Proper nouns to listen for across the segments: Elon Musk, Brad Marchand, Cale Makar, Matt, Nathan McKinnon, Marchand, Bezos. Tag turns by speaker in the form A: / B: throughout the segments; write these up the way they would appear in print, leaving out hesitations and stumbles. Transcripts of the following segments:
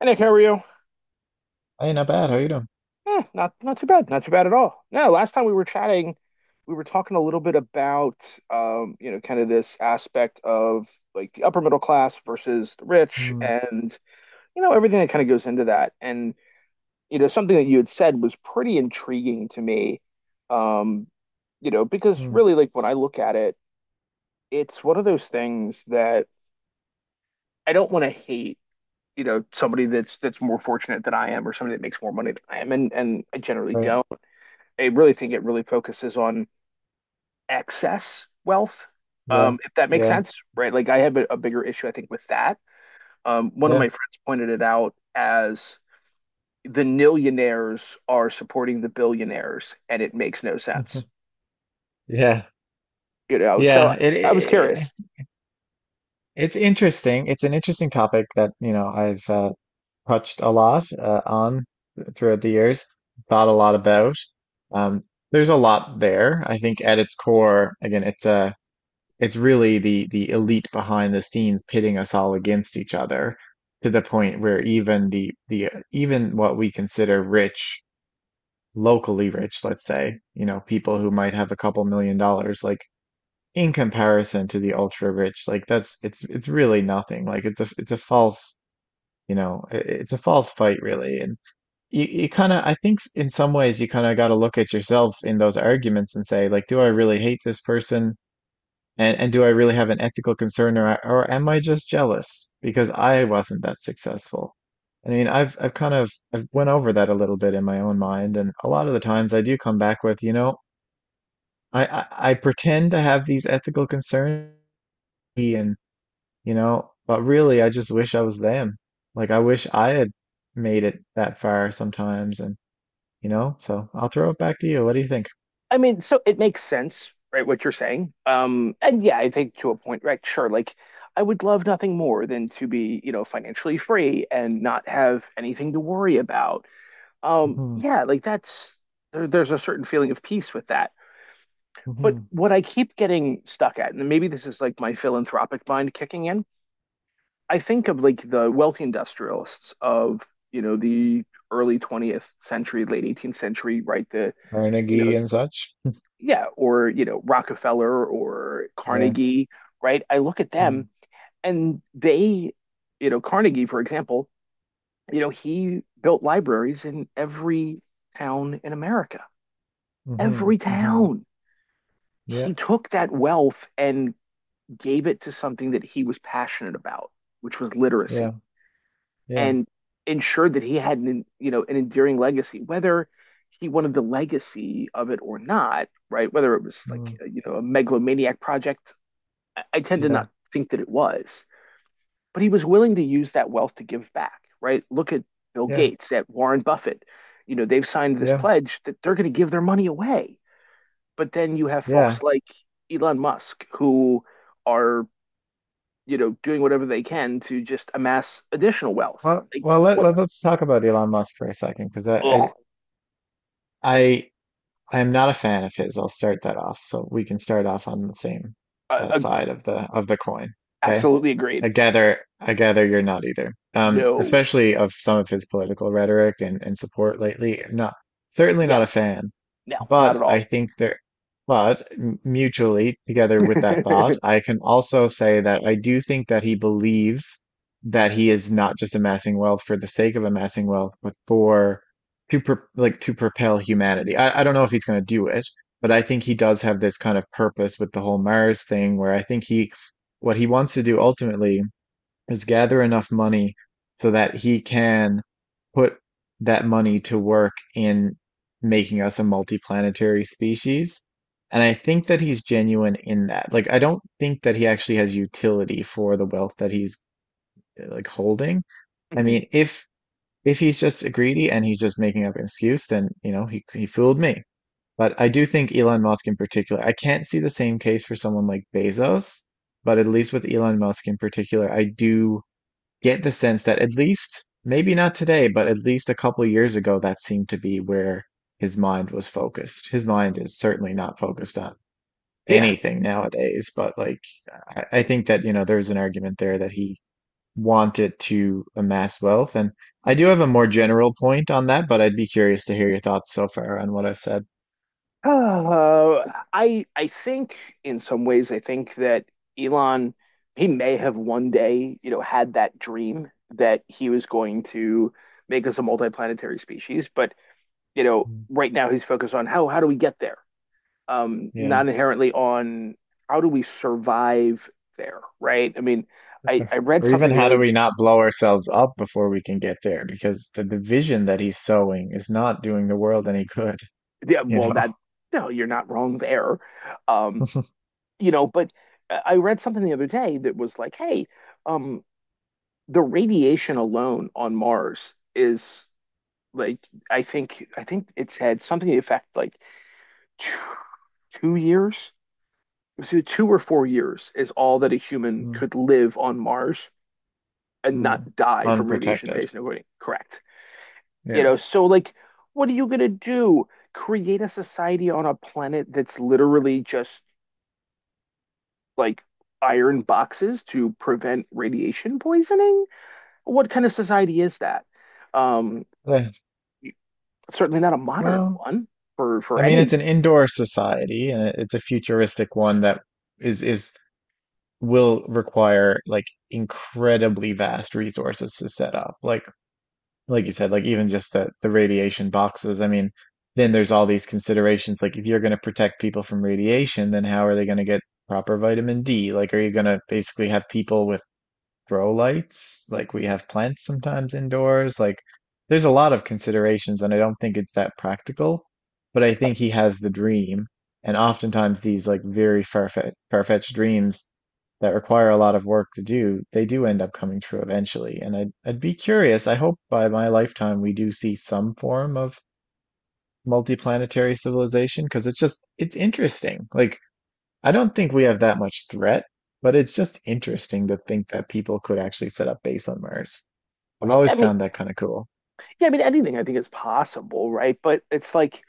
A: And Nick, how are you?
B: Hey, not bad. How you doing?
A: Not too bad, not too bad at all. No, last time we were chatting, we were talking a little bit about kind of this aspect of like the upper middle class versus the rich
B: Mm.
A: and everything that kind of goes into that. And something that you had said was pretty intriguing to me. Um, because
B: Mm.
A: really like when I look at it, it's one of those things that I don't want to hate somebody that's more fortunate than I am or somebody that makes more money than I am, and I generally
B: Right.
A: don't. I really think it really focuses on excess wealth,
B: Yeah.
A: if that makes
B: Yeah.
A: sense, right? Like I have a bigger issue, I think, with that. One of
B: Yeah.
A: my friends pointed it out as the millionaires are supporting the billionaires, and it makes no sense,
B: Yeah.
A: you know? So
B: Yeah. It,
A: I was
B: it
A: curious.
B: it's interesting. It's an interesting topic that, I've touched a lot on throughout the years, thought a lot about. Um, there's a lot there. I think at its core, again, it's really the elite behind the scenes pitting us all against each other to the point where even the even what we consider rich, locally rich, let's say, people who might have a couple million dollars, like in comparison to the ultra rich, like that's it's really nothing. Like it's a false, it's a false fight really. And you kind of I think in some ways you kind of got to look at yourself in those arguments and say like, do I really hate this person? And do I really have an ethical concern or am I just jealous because I wasn't that successful? I mean, I've kind of I've went over that a little bit in my own mind, and a lot of the times I do come back with, I pretend to have these ethical concerns and but really I just wish I was them. Like I wish I had made it that far sometimes and so I'll throw it back to you. What do you think?
A: I mean, so it makes sense, right, what you're saying. And yeah, I think to a point, right, sure, like I would love nothing more than to be, financially free and not have anything to worry about,
B: Hmm.
A: yeah, like that's there's a certain feeling of peace with that. But
B: Hmm.
A: what I keep getting stuck at, and maybe this is like my philanthropic mind kicking in, I think of like the wealthy industrialists of, the early 20th century, late 18th century, right? the you know
B: Carnegie and such.
A: yeah or Rockefeller or
B: Yeah.
A: Carnegie, right? I look at them, and they you know Carnegie for example, you know he built libraries in every town in America.
B: Mhm,
A: Every
B: mhm.
A: town.
B: Yeah,
A: He took that wealth and gave it to something that he was passionate about, which was
B: yeah,
A: literacy,
B: yeah,
A: and ensured that he had an endearing legacy, whether he wanted the legacy of it or not, right? Whether it was like,
B: mm,
A: a megalomaniac project, I tend to
B: yeah,
A: not think that it was, but he was willing to use that wealth to give back, right? Look at Bill
B: yeah,
A: Gates, at Warren Buffett. They've signed this
B: yeah,
A: pledge that they're going to give their money away. But then you have folks
B: yeah.
A: like Elon Musk who are, doing whatever they can to just amass additional wealth.
B: Well,
A: Like,
B: well, let,
A: what?
B: let let's talk about Elon Musk for a second, because
A: Ugh.
B: I I I am not a fan of his. I'll start that off. So we can start off on the same
A: Uh, uh,
B: side of the coin. Okay.
A: absolutely
B: I
A: agreed.
B: gather I gather you're not either.
A: No,
B: Especially of some of his political rhetoric and support lately. Not Certainly not a
A: no,
B: fan.
A: no, not at
B: But I
A: all.
B: think mutually together with that thought, I can also say that I do think that he believes that he is not just amassing wealth for the sake of amassing wealth, but for to pro like to propel humanity. I don't know if he's going to do it, but I think he does have this kind of purpose with the whole Mars thing, where I think he what he wants to do ultimately is gather enough money so that he can put that money to work in making us a multiplanetary species. And I think that he's genuine in that. Like, I don't think that he actually has utility for the wealth that he's like holding. I
A: Mhm.
B: mean, if he's just a greedy and he's just making up an excuse, then you know he fooled me. But I do think Elon Musk in particular, I can't see the same case for someone like Bezos, but at least with Elon Musk in particular, I do get the sense that at least maybe not today, but at least a couple of years ago, that seemed to be where his mind was focused. His mind is certainly not focused on
A: Yeah.
B: anything nowadays, but like I think that, there's an argument there that he want it to amass wealth. And I do have a more general point on that, but I'd be curious to hear your thoughts so far on what I've said.
A: Uh, I think in some ways I think that Elon, he may have one day, had that dream that he was going to make us a multiplanetary species, but
B: Mm.
A: right now he's focused on how do we get there,
B: Yeah.
A: not inherently on how do we survive there, right? I mean, I read
B: Or even
A: something
B: how do we not blow ourselves up before we can get there? Because the division that he's sowing is not doing the world any good,
A: yeah.
B: you
A: well
B: know?
A: that no, you're not wrong there. um, you know, but I read something the other day that was like, hey, um, the radiation alone on Mars is like I think it's had something to the effect like two, 2 years. It was either 2 or 4 years is all that a human
B: Mm.
A: could live on Mars and
B: Mm.
A: not die from radiation
B: Unprotected.
A: poisoning. Correct. You
B: Yeah.
A: know, so like, what are you gonna do? Create a society on a planet that's literally just like iron boxes to prevent radiation poisoning? What kind of society is that? Um,
B: Eh,
A: certainly not a modern
B: well,
A: one for
B: I mean, it's
A: any.
B: an indoor society and it's a futuristic one that is will require like incredibly vast resources to set up. Like you said, like even just the radiation boxes. I mean, then there's all these considerations. Like if you're going to protect people from radiation, then how are they going to get proper vitamin D? Like are you going to basically have people with grow lights. Like we have plants sometimes indoors. Like there's a lot of considerations, and I don't think it's that practical. But I think he has the dream, and oftentimes these like very far-fetched dreams that require a lot of work to do, they do end up coming true eventually. And I'd be curious. I hope by my lifetime we do see some form of multiplanetary civilization because it's interesting. Like I don't think we have that much threat, but it's just interesting to think that people could actually set up base on Mars. I've always
A: I mean,
B: found that kind of cool.
A: yeah, I mean anything I think is possible, right? But it's like,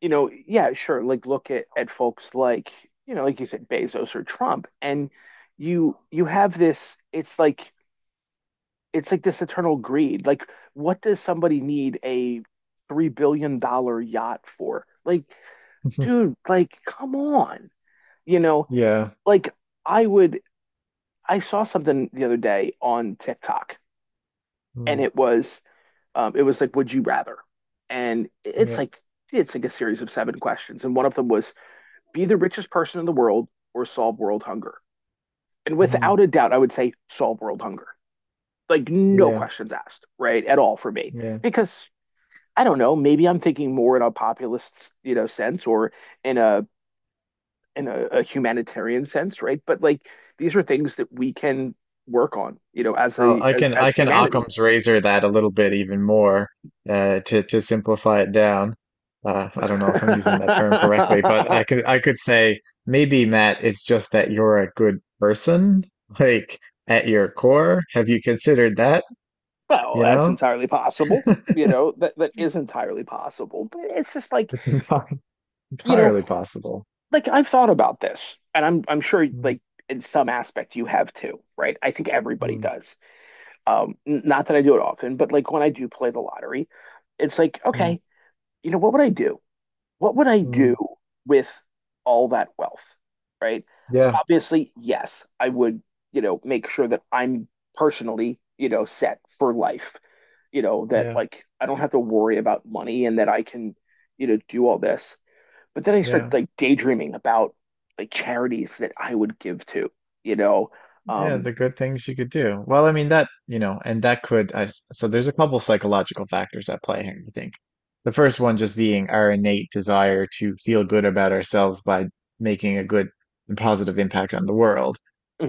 A: yeah, sure. Like look at folks like, like you said, Bezos or Trump, and you have this. It's like this eternal greed. Like, what does somebody need a $3 billion yacht for? Like, dude, like, come on. You know,
B: Yeah.
A: like I would. I saw something the other day on TikTok, and
B: Mm.
A: it was like, would you rather? And it's
B: Yeah.
A: like it's like a series of seven questions, and one of them was be the richest person in the world or solve world hunger. And
B: Mhm.
A: without a doubt, I would say solve world hunger. Like, no
B: Yeah.
A: questions asked, right? At all for me.
B: Yeah.
A: Because I don't know, maybe I'm thinking more in a populist, sense or in a in a humanitarian sense, right? But like these are things that we can work on, as
B: Oh,
A: a
B: I
A: as
B: can I
A: as
B: can
A: humanity.
B: Occam's razor that a little bit even more to simplify it down. I don't know if I'm using that term correctly, but I
A: well,
B: could I could say maybe Matt, it's just that you're a good person, like at your core. Have you considered that? You
A: that's
B: know?
A: entirely possible. That that is entirely possible. But it's just like,
B: It's an
A: you know,
B: Entirely possible.
A: like I've thought about this, and I'm sure
B: Mm.
A: like in some aspect you have too, right? I think everybody
B: Mm.
A: does. Um, not that I do it often, but like when I do play the lottery, it's like,
B: Mm.
A: okay, what would I do? What would I do
B: Mm.
A: with all that wealth, right?
B: Yeah,
A: Obviously, yes, I would, make sure that I'm personally, set for life, that
B: yeah,
A: like I don't have to worry about money and that I can, do all this. But then I
B: yeah.
A: started like daydreaming about like charities that I would give to, you know.
B: Yeah,
A: Um,
B: the good things you could do. Well, I mean that, and that could I s- so there's a couple psychological factors at play here, I think. The first one just being our innate desire to feel good about ourselves by making a good and positive impact on the world.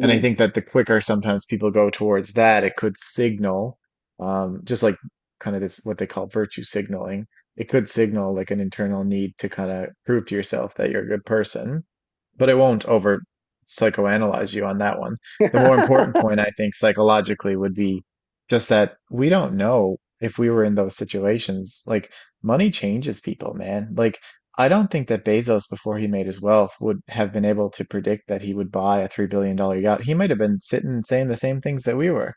B: And I think that the quicker sometimes people go towards that, it could signal, just like kind of this what they call virtue signaling. It could signal like an internal need to kind of prove to yourself that you're a good person, but it won't over psychoanalyze you on that one. The more important point, I think, psychologically would be just that we don't know if we were in those situations. Like, money changes people, man. Like, I don't think that Bezos, before he made his wealth, would have been able to predict that he would buy a $3 billion dollar yacht. He might have been sitting and saying the same things that we were.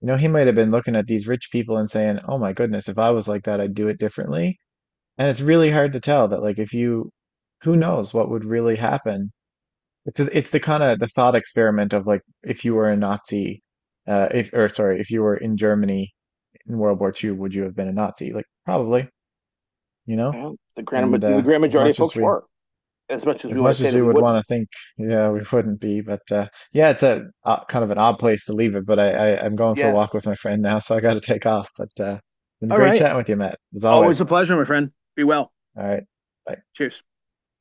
B: You know, he might have been looking at these rich people and saying, oh my goodness, if I was like that, I'd do it differently. And it's really hard to tell that, like, if you, who knows what would really happen. It's the kind of the thought experiment of like if you were a Nazi, if or sorry, if you were in Germany in World War II, would you have been a Nazi? Like probably, you know.
A: Well, the grand
B: And
A: the grand
B: as
A: majority
B: much
A: of
B: as
A: folks
B: we
A: were, as much as
B: as
A: we want to
B: much
A: say
B: as
A: that
B: we
A: we
B: would want
A: wouldn't.
B: to think, yeah, we wouldn't be. But yeah, it's a kind of an odd place to leave it. But I'm going for a
A: Yeah.
B: walk with my friend now, so I got to take off. But been
A: All
B: great
A: right.
B: chatting with you, Matt, as
A: Always
B: always.
A: a pleasure, my friend. Be well.
B: All right, bye.
A: Cheers.